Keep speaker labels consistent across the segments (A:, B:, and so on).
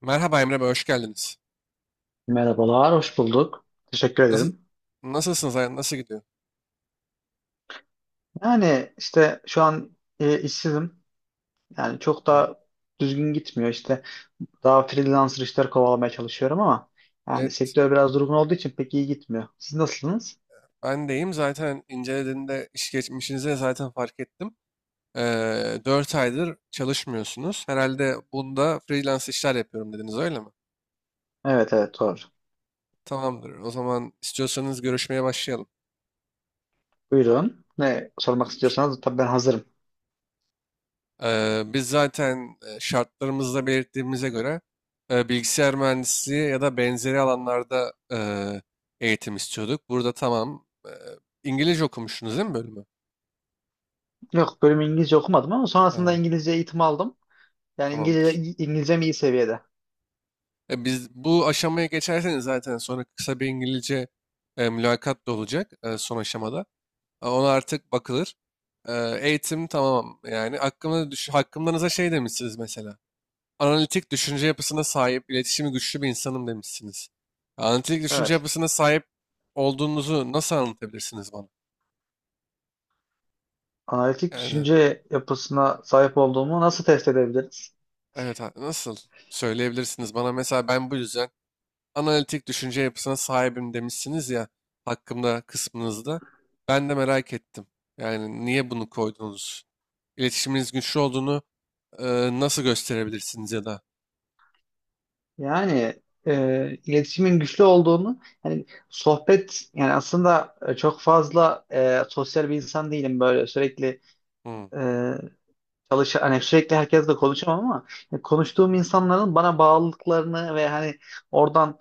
A: Merhaba Emre Bey, hoş geldiniz.
B: Merhabalar, hoş bulduk. Teşekkür
A: Nasıl,
B: ederim.
A: nasılsınız? Nasıl gidiyor?
B: Yani işte şu an işsizim. Yani çok
A: Evet,
B: da düzgün gitmiyor. İşte daha freelancer işler kovalamaya çalışıyorum ama yani
A: evet,
B: sektör biraz durgun olduğu için pek iyi gitmiyor. Siz nasılsınız?
A: ben deyim. Zaten incelediğinde iş geçmişinize zaten fark ettim. 4 aydır çalışmıyorsunuz. Herhalde bunda freelance işler yapıyorum dediniz, öyle mi?
B: Evet, evet, doğru.
A: Tamamdır. O zaman istiyorsanız görüşmeye başlayalım.
B: Buyurun. Ne sormak
A: Tamamdır.
B: istiyorsanız tabii ben hazırım.
A: Biz zaten şartlarımızda belirttiğimize göre bilgisayar mühendisliği ya da benzeri alanlarda eğitim istiyorduk. Burada tamam. İngilizce okumuştunuz değil mi bölümü?
B: Yok, bölümü İngilizce okumadım ama
A: Ha,
B: sonrasında İngilizce eğitim aldım. Yani
A: tamamdır.
B: İngilizcem iyi seviyede.
A: Biz bu aşamaya geçerseniz zaten sonra kısa bir İngilizce mülakat da olacak son aşamada. Ona artık bakılır. E, eğitim tamam yani hakkımdanıza şey demişsiniz mesela. Analitik düşünce yapısına sahip, iletişimi güçlü bir insanım demişsiniz. Analitik düşünce
B: Evet.
A: yapısına sahip olduğunuzu nasıl anlatabilirsiniz bana?
B: Analitik
A: Yani
B: düşünce yapısına sahip olduğumu nasıl test edebiliriz?
A: evet, nasıl söyleyebilirsiniz bana mesela ben bu yüzden analitik düşünce yapısına sahibim demişsiniz ya hakkımda kısmınızda. Ben de merak ettim. Yani niye bunu koydunuz? İletişiminiz güçlü olduğunu e, nasıl gösterebilirsiniz ya da?
B: Yani iletişimin güçlü olduğunu yani sohbet yani aslında çok fazla sosyal bir insan değilim, böyle sürekli
A: Hmm,
B: e, hani sürekli herkesle konuşamam ama konuştuğum insanların bana bağlılıklarını ve hani oradan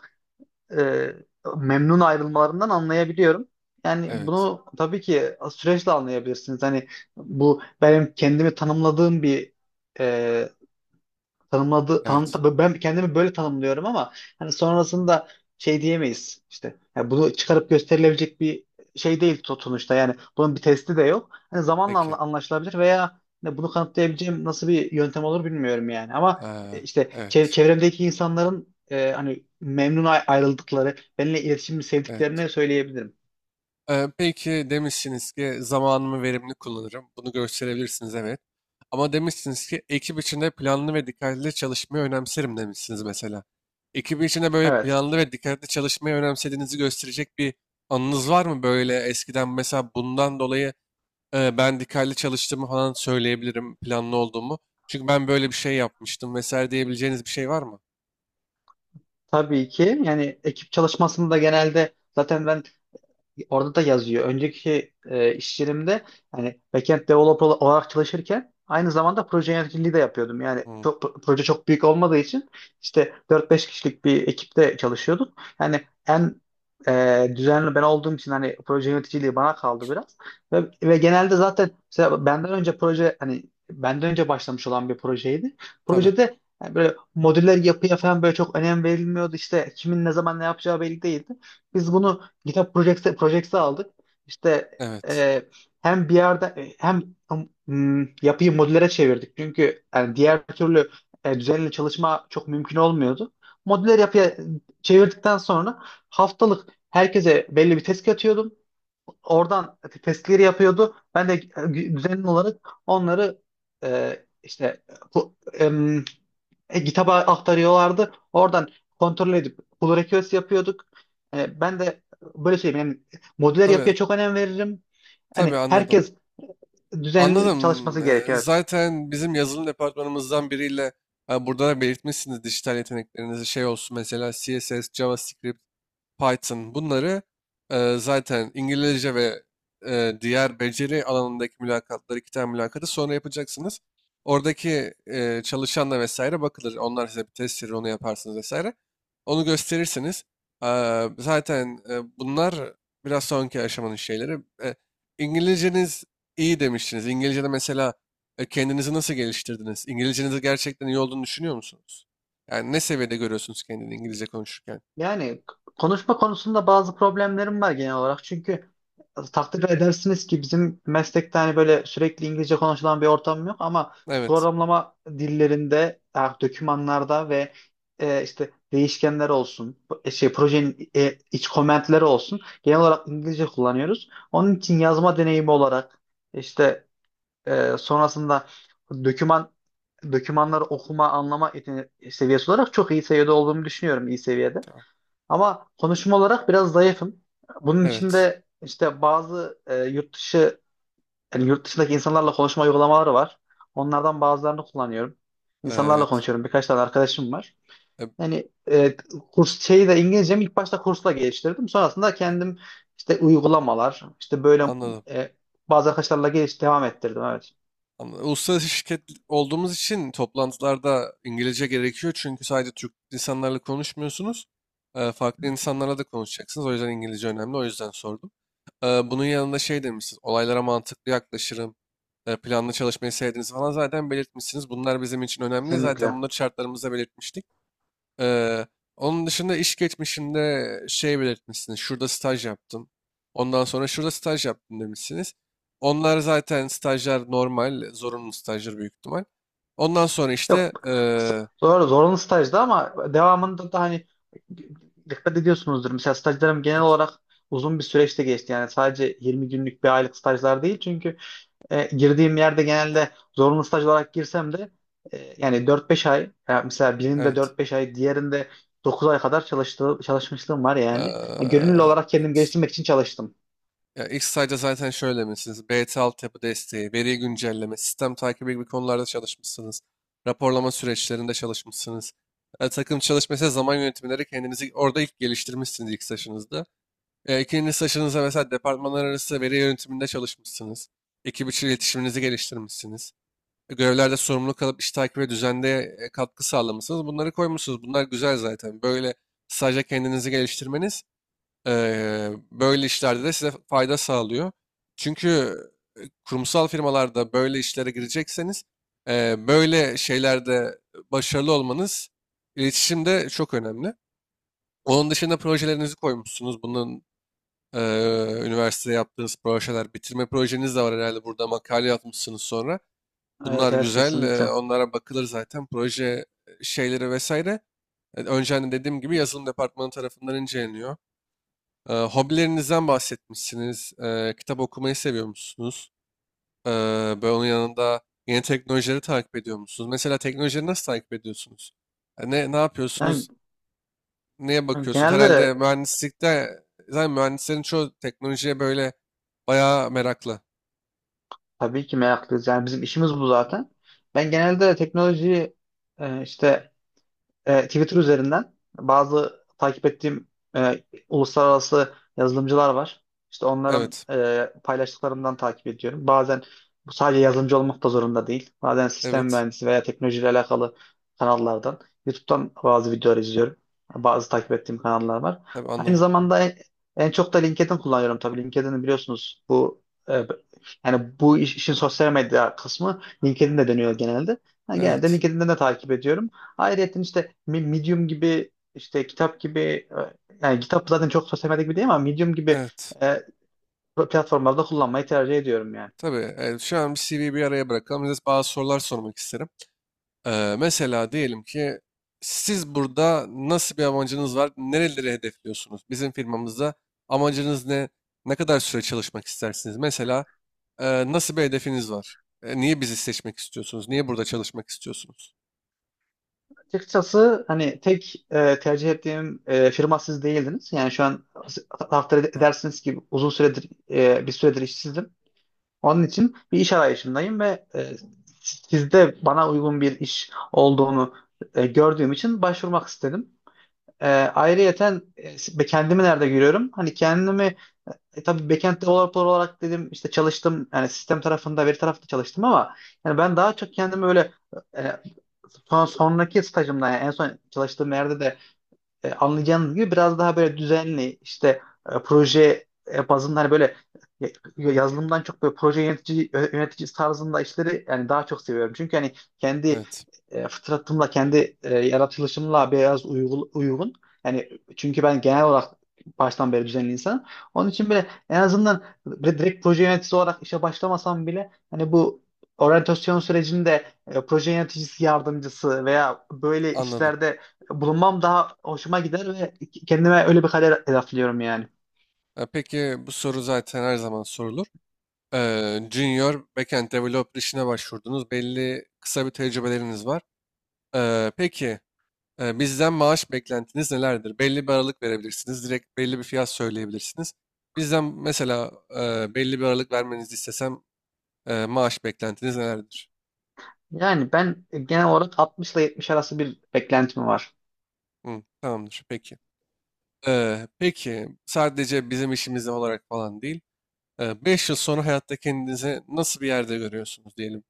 B: e, memnun ayrılmalarından anlayabiliyorum. Yani
A: evet,
B: bunu tabii ki süreçle anlayabilirsiniz. Hani bu benim kendimi tanımladığım bir e, tanımladı
A: evet.
B: tan, ben kendimi böyle tanımlıyorum ama hani sonrasında şey diyemeyiz işte. Yani bunu çıkarıp gösterilebilecek bir şey değil sonuçta, yani bunun bir testi de yok. Hani zamanla
A: Peki.
B: anlaşılabilir veya hani bunu kanıtlayabileceğim nasıl bir yöntem olur bilmiyorum yani ama
A: Ee,
B: işte
A: evet,
B: çevremdeki insanların hani memnun ayrıldıkları, benimle iletişimi
A: evet.
B: sevdiklerini söyleyebilirim.
A: Peki demişsiniz ki zamanımı verimli kullanırım. Bunu gösterebilirsiniz, evet. Ama demişsiniz ki ekip içinde planlı ve dikkatli çalışmayı önemserim demişsiniz mesela. Ekip içinde böyle
B: Evet.
A: planlı ve dikkatli çalışmayı önemsediğinizi gösterecek bir anınız var mı? Böyle eskiden mesela bundan dolayı ben dikkatli çalıştığımı falan söyleyebilirim planlı olduğumu. Çünkü ben böyle bir şey yapmıştım vesaire diyebileceğiniz bir şey var mı?
B: Tabii ki yani ekip çalışmasında genelde zaten ben orada da yazıyor. Önceki iş yerimde hani backend developer olarak çalışırken aynı zamanda proje yöneticiliği de yapıyordum. Yani
A: Hmm,
B: proje çok büyük olmadığı için işte dört beş kişilik bir ekipte çalışıyorduk. Yani en düzenli ben olduğum için hani proje yöneticiliği bana kaldı biraz. Ve genelde zaten mesela benden önce başlamış olan bir projeydi.
A: tabii.
B: Projede yani böyle modüler yapıya falan böyle çok önem verilmiyordu. İşte kimin ne zaman ne yapacağı belli değildi. Biz bunu GitHub Projects'i aldık. İşte
A: Evet.
B: e, hem bir yerde e, hem yapıyı modüllere çevirdik. Çünkü yani diğer türlü düzenli çalışma çok mümkün olmuyordu. Modüler yapıya çevirdikten sonra haftalık herkese belli bir test atıyordum. Oradan testleri yapıyordu. Ben de düzenli olarak onları e, işte bu, em, GitHub'a aktarıyorlardı. Oradan kontrol edip pull request yapıyorduk. Ben de böyle söyleyeyim, yani modüler
A: Tabii.
B: yapıya çok önem veririm.
A: Tabii
B: Hani
A: anladım.
B: herkes düzenli çalışması
A: Anladım. Ee,
B: gerekiyor. Evet.
A: Zaten bizim yazılım departmanımızdan biriyle ha, burada da belirtmişsiniz dijital yeteneklerinizi şey olsun mesela CSS, JavaScript Python bunları zaten İngilizce ve diğer beceri alanındaki mülakatları, 2 tane mülakatı sonra yapacaksınız. Oradaki çalışanla vesaire bakılır. Onlar size bir test verir, onu yaparsınız vesaire. Onu gösterirsiniz. Zaten bunlar biraz sonraki aşamanın şeyleri. E, İngilizceniz iyi demiştiniz. İngilizce'de mesela kendinizi nasıl geliştirdiniz? İngilizcenizi gerçekten iyi olduğunu düşünüyor musunuz? Yani ne seviyede görüyorsunuz kendini İngilizce konuşurken?
B: Yani konuşma konusunda bazı problemlerim var genel olarak. Çünkü takdir edersiniz ki bizim meslekte hani böyle sürekli İngilizce konuşulan bir ortam yok ama
A: Evet.
B: programlama dillerinde, dokümanlarda ve işte değişkenler olsun, şey projenin iç komentleri olsun, genel olarak İngilizce kullanıyoruz. Onun için yazma deneyimi olarak işte sonrasında doküman dokümanları okuma, anlama seviyesi olarak çok iyi seviyede olduğumu düşünüyorum, iyi seviyede.
A: Tamam.
B: Ama konuşma olarak biraz zayıfım. Bunun
A: Evet.
B: içinde işte bazı yurt dışı yani yurt dışındaki insanlarla konuşma uygulamaları var. Onlardan bazılarını kullanıyorum. İnsanlarla
A: Evet.
B: konuşuyorum. Birkaç tane arkadaşım var.
A: E,
B: Yani kurs şeyi de, İngilizcemi ilk başta kursla geliştirdim. Sonrasında kendim işte uygulamalar, işte böyle
A: Anladım.
B: e, bazı arkadaşlarla geliş devam ettirdim. Evet.
A: Anladım. Uluslararası şirket olduğumuz için toplantılarda İngilizce gerekiyor. Çünkü sadece Türk insanlarla konuşmuyorsunuz. Farklı insanlarla da konuşacaksınız. O yüzden İngilizce önemli. O yüzden sordum. Bunun yanında şey demişsiniz. Olaylara mantıklı yaklaşırım. Planlı çalışmayı sevdiğinizi falan zaten belirtmişsiniz. Bunlar bizim için önemli.
B: Kesinlikle.
A: Zaten bunları şartlarımızda belirtmiştik. Eee, onun dışında iş geçmişinde şey belirtmişsiniz. Şurada staj yaptım. Ondan sonra şurada staj yaptım demişsiniz. Onlar zaten stajlar normal, zorunlu stajlar büyük ihtimal. Ondan sonra
B: Yok,
A: işte
B: doğru, zorunlu stajdı ama devamında da hani dikkat ediyorsunuzdur. Mesela stajlarım genel
A: evet,
B: olarak uzun bir süreçte geçti. Yani sadece 20 günlük bir aylık stajlar değil. Çünkü girdiğim yerde genelde zorunlu staj olarak girsem de yani 4-5 ay, yani mesela birinde
A: evet,
B: 4-5 ay, diğerinde 9 ay kadar çalışmışlığım var yani. Yani gönüllü olarak kendimi
A: evet.
B: geliştirmek için çalıştım.
A: Ya ilk stajda zaten şöyle demişsiniz. BT altyapı desteği, veri güncelleme, sistem takibi gibi konularda çalışmışsınız. Raporlama süreçlerinde çalışmışsınız. Takım çalışması, zaman yönetimleri kendinizi orada ilk geliştirmişsiniz ilk stajınızda. E, ikinci saçınıza mesela departmanlar arası veri yönetiminde çalışmışsınız. Ekip içi iletişiminizi geliştirmişsiniz. Görevlerde sorumluluk alıp iş takibi ve düzende katkı sağlamışsınız. Bunları koymuşsunuz. Bunlar güzel zaten. Böyle sadece kendinizi geliştirmeniz e, böyle işlerde de size fayda sağlıyor. Çünkü kurumsal firmalarda böyle işlere girecekseniz böyle şeylerde başarılı olmanız iletişimde çok önemli. Onun dışında projelerinizi koymuşsunuz. Bunun üniversitede yaptığınız projeler, bitirme projeniz de var herhalde. Burada makale yapmışsınız sonra.
B: Evet,
A: Bunlar
B: evet,
A: güzel. eee,
B: kesinlikle.
A: onlara bakılır zaten. Proje şeyleri vesaire. Önceden dediğim gibi yazılım departmanı tarafından inceleniyor. Hobilerinizden bahsetmişsiniz. Kitap okumayı seviyor musunuz? Eee böyle onun yanında yeni teknolojileri takip ediyor musunuz? Mesela teknolojileri nasıl takip ediyorsunuz? Ne
B: Yani
A: yapıyorsunuz? Neye
B: yani
A: bakıyorsun? Herhalde
B: genelde
A: mühendislikte zaten mühendislerin çoğu teknolojiye böyle bayağı meraklı.
B: Tabii ki meraklıyız. Yani bizim işimiz bu zaten. Ben genelde teknolojiyi işte Twitter üzerinden bazı takip ettiğim e, uluslararası yazılımcılar var. İşte onların
A: Evet.
B: paylaştıklarından takip ediyorum. Bazen bu sadece yazılımcı olmak da zorunda değil. Bazen sistem
A: Evet.
B: mühendisi veya teknolojiyle alakalı kanallardan, YouTube'dan bazı videolar izliyorum. Bazı takip ettiğim kanallar var.
A: Tabii
B: Aynı
A: anladım.
B: zamanda en çok da LinkedIn kullanıyorum tabii. LinkedIn'i biliyorsunuz, bu e, yani bu işin sosyal medya kısmı LinkedIn'de dönüyor genelde. Ha, genelde
A: Evet.
B: LinkedIn'den de takip ediyorum. Ayrıca işte Medium gibi, işte kitap gibi yani kitap zaten çok sosyal medya gibi değil ama Medium gibi
A: Evet.
B: e, platformlarda kullanmayı tercih ediyorum yani.
A: Tabii. Evet, şu an bir CV'yi bir araya bırakalım. Size bazı sorular sormak isterim. Mesela diyelim ki siz burada nasıl bir amacınız var? Nereleri hedefliyorsunuz? Bizim firmamızda amacınız ne? Ne kadar süre çalışmak istersiniz? Mesela e, nasıl bir hedefiniz var? Niye bizi seçmek istiyorsunuz? Niye burada çalışmak istiyorsunuz?
B: Açıkçası hani tek tercih ettiğim firma siz değildiniz. Yani şu an takdir
A: Ha,
B: edersiniz ki uzun süredir bir süredir işsizdim. Onun için bir iş arayışındayım ve sizde bana uygun bir iş olduğunu gördüğüm için başvurmak istedim. Ayrıyeten kendimi nerede görüyorum? Hani kendimi, tabii backend developer olarak dedim işte çalıştım, yani sistem tarafında, veri tarafında çalıştım ama yani ben daha çok kendimi öyle e, sonraki stajımda, yani en son çalıştığım yerde de anlayacağınız gibi biraz daha böyle düzenli işte proje bazında hani böyle e, yazılımdan çok böyle proje yönetici yönetici tarzında işleri yani daha çok seviyorum. Çünkü hani kendi
A: evet.
B: fıtratımla kendi yaratılışımla biraz uygun. Yani çünkü ben genel olarak baştan beri düzenli insanım. Onun için bile en azından böyle direkt proje yöneticisi olarak işe başlamasam bile hani bu oryantasyon sürecinde proje yöneticisi yardımcısı veya böyle
A: Anladım.
B: işlerde bulunmam daha hoşuma gider ve kendime öyle bir kader hedefliyorum yani.
A: Peki bu soru zaten her zaman sorulur. Junior backend developer işine başvurdunuz. Belli kısa bir tecrübeleriniz var. Peki bizden maaş beklentiniz nelerdir? Belli bir aralık verebilirsiniz. Direkt belli bir fiyat söyleyebilirsiniz. Bizden mesela belli bir aralık vermenizi istesem maaş beklentiniz nelerdir?
B: Yani ben genel olarak 60 ile 70 arası bir beklentim var.
A: Hı, tamamdır. Peki. Peki sadece bizim işimiz olarak falan değil. Beş yıl sonra hayatta kendinizi nasıl bir yerde görüyorsunuz diyelim.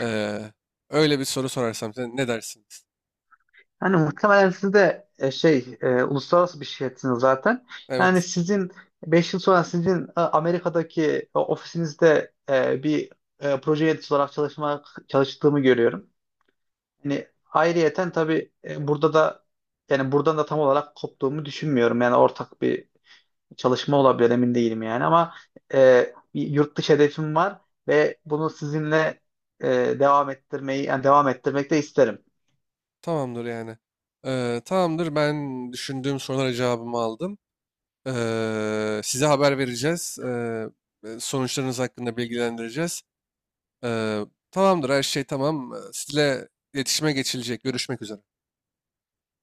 A: Eee, öyle bir soru sorarsam size ne dersiniz?
B: Yani muhtemelen siz de şey uluslararası bir şirketsiniz zaten. Yani
A: Evet,
B: sizin 5 yıl sonra Amerika'daki ofisinizde bir proje yöneticisi olarak çalıştığımı görüyorum. Yani ayrıyeten tabii burada da yani buradan da tam olarak koptuğumu düşünmüyorum. Yani ortak bir çalışma olabilir, emin değilim yani ama bir yurt dışı hedefim var ve bunu sizinle e, devam ettirmeyi yani devam ettirmek de isterim.
A: tamamdır yani. Tamamdır, ben düşündüğüm sorulara cevabımı aldım. Size haber vereceğiz. Sonuçlarınız hakkında bilgilendireceğiz. Eee, tamamdır, her şey tamam. Sizle iletişime geçilecek. Görüşmek üzere.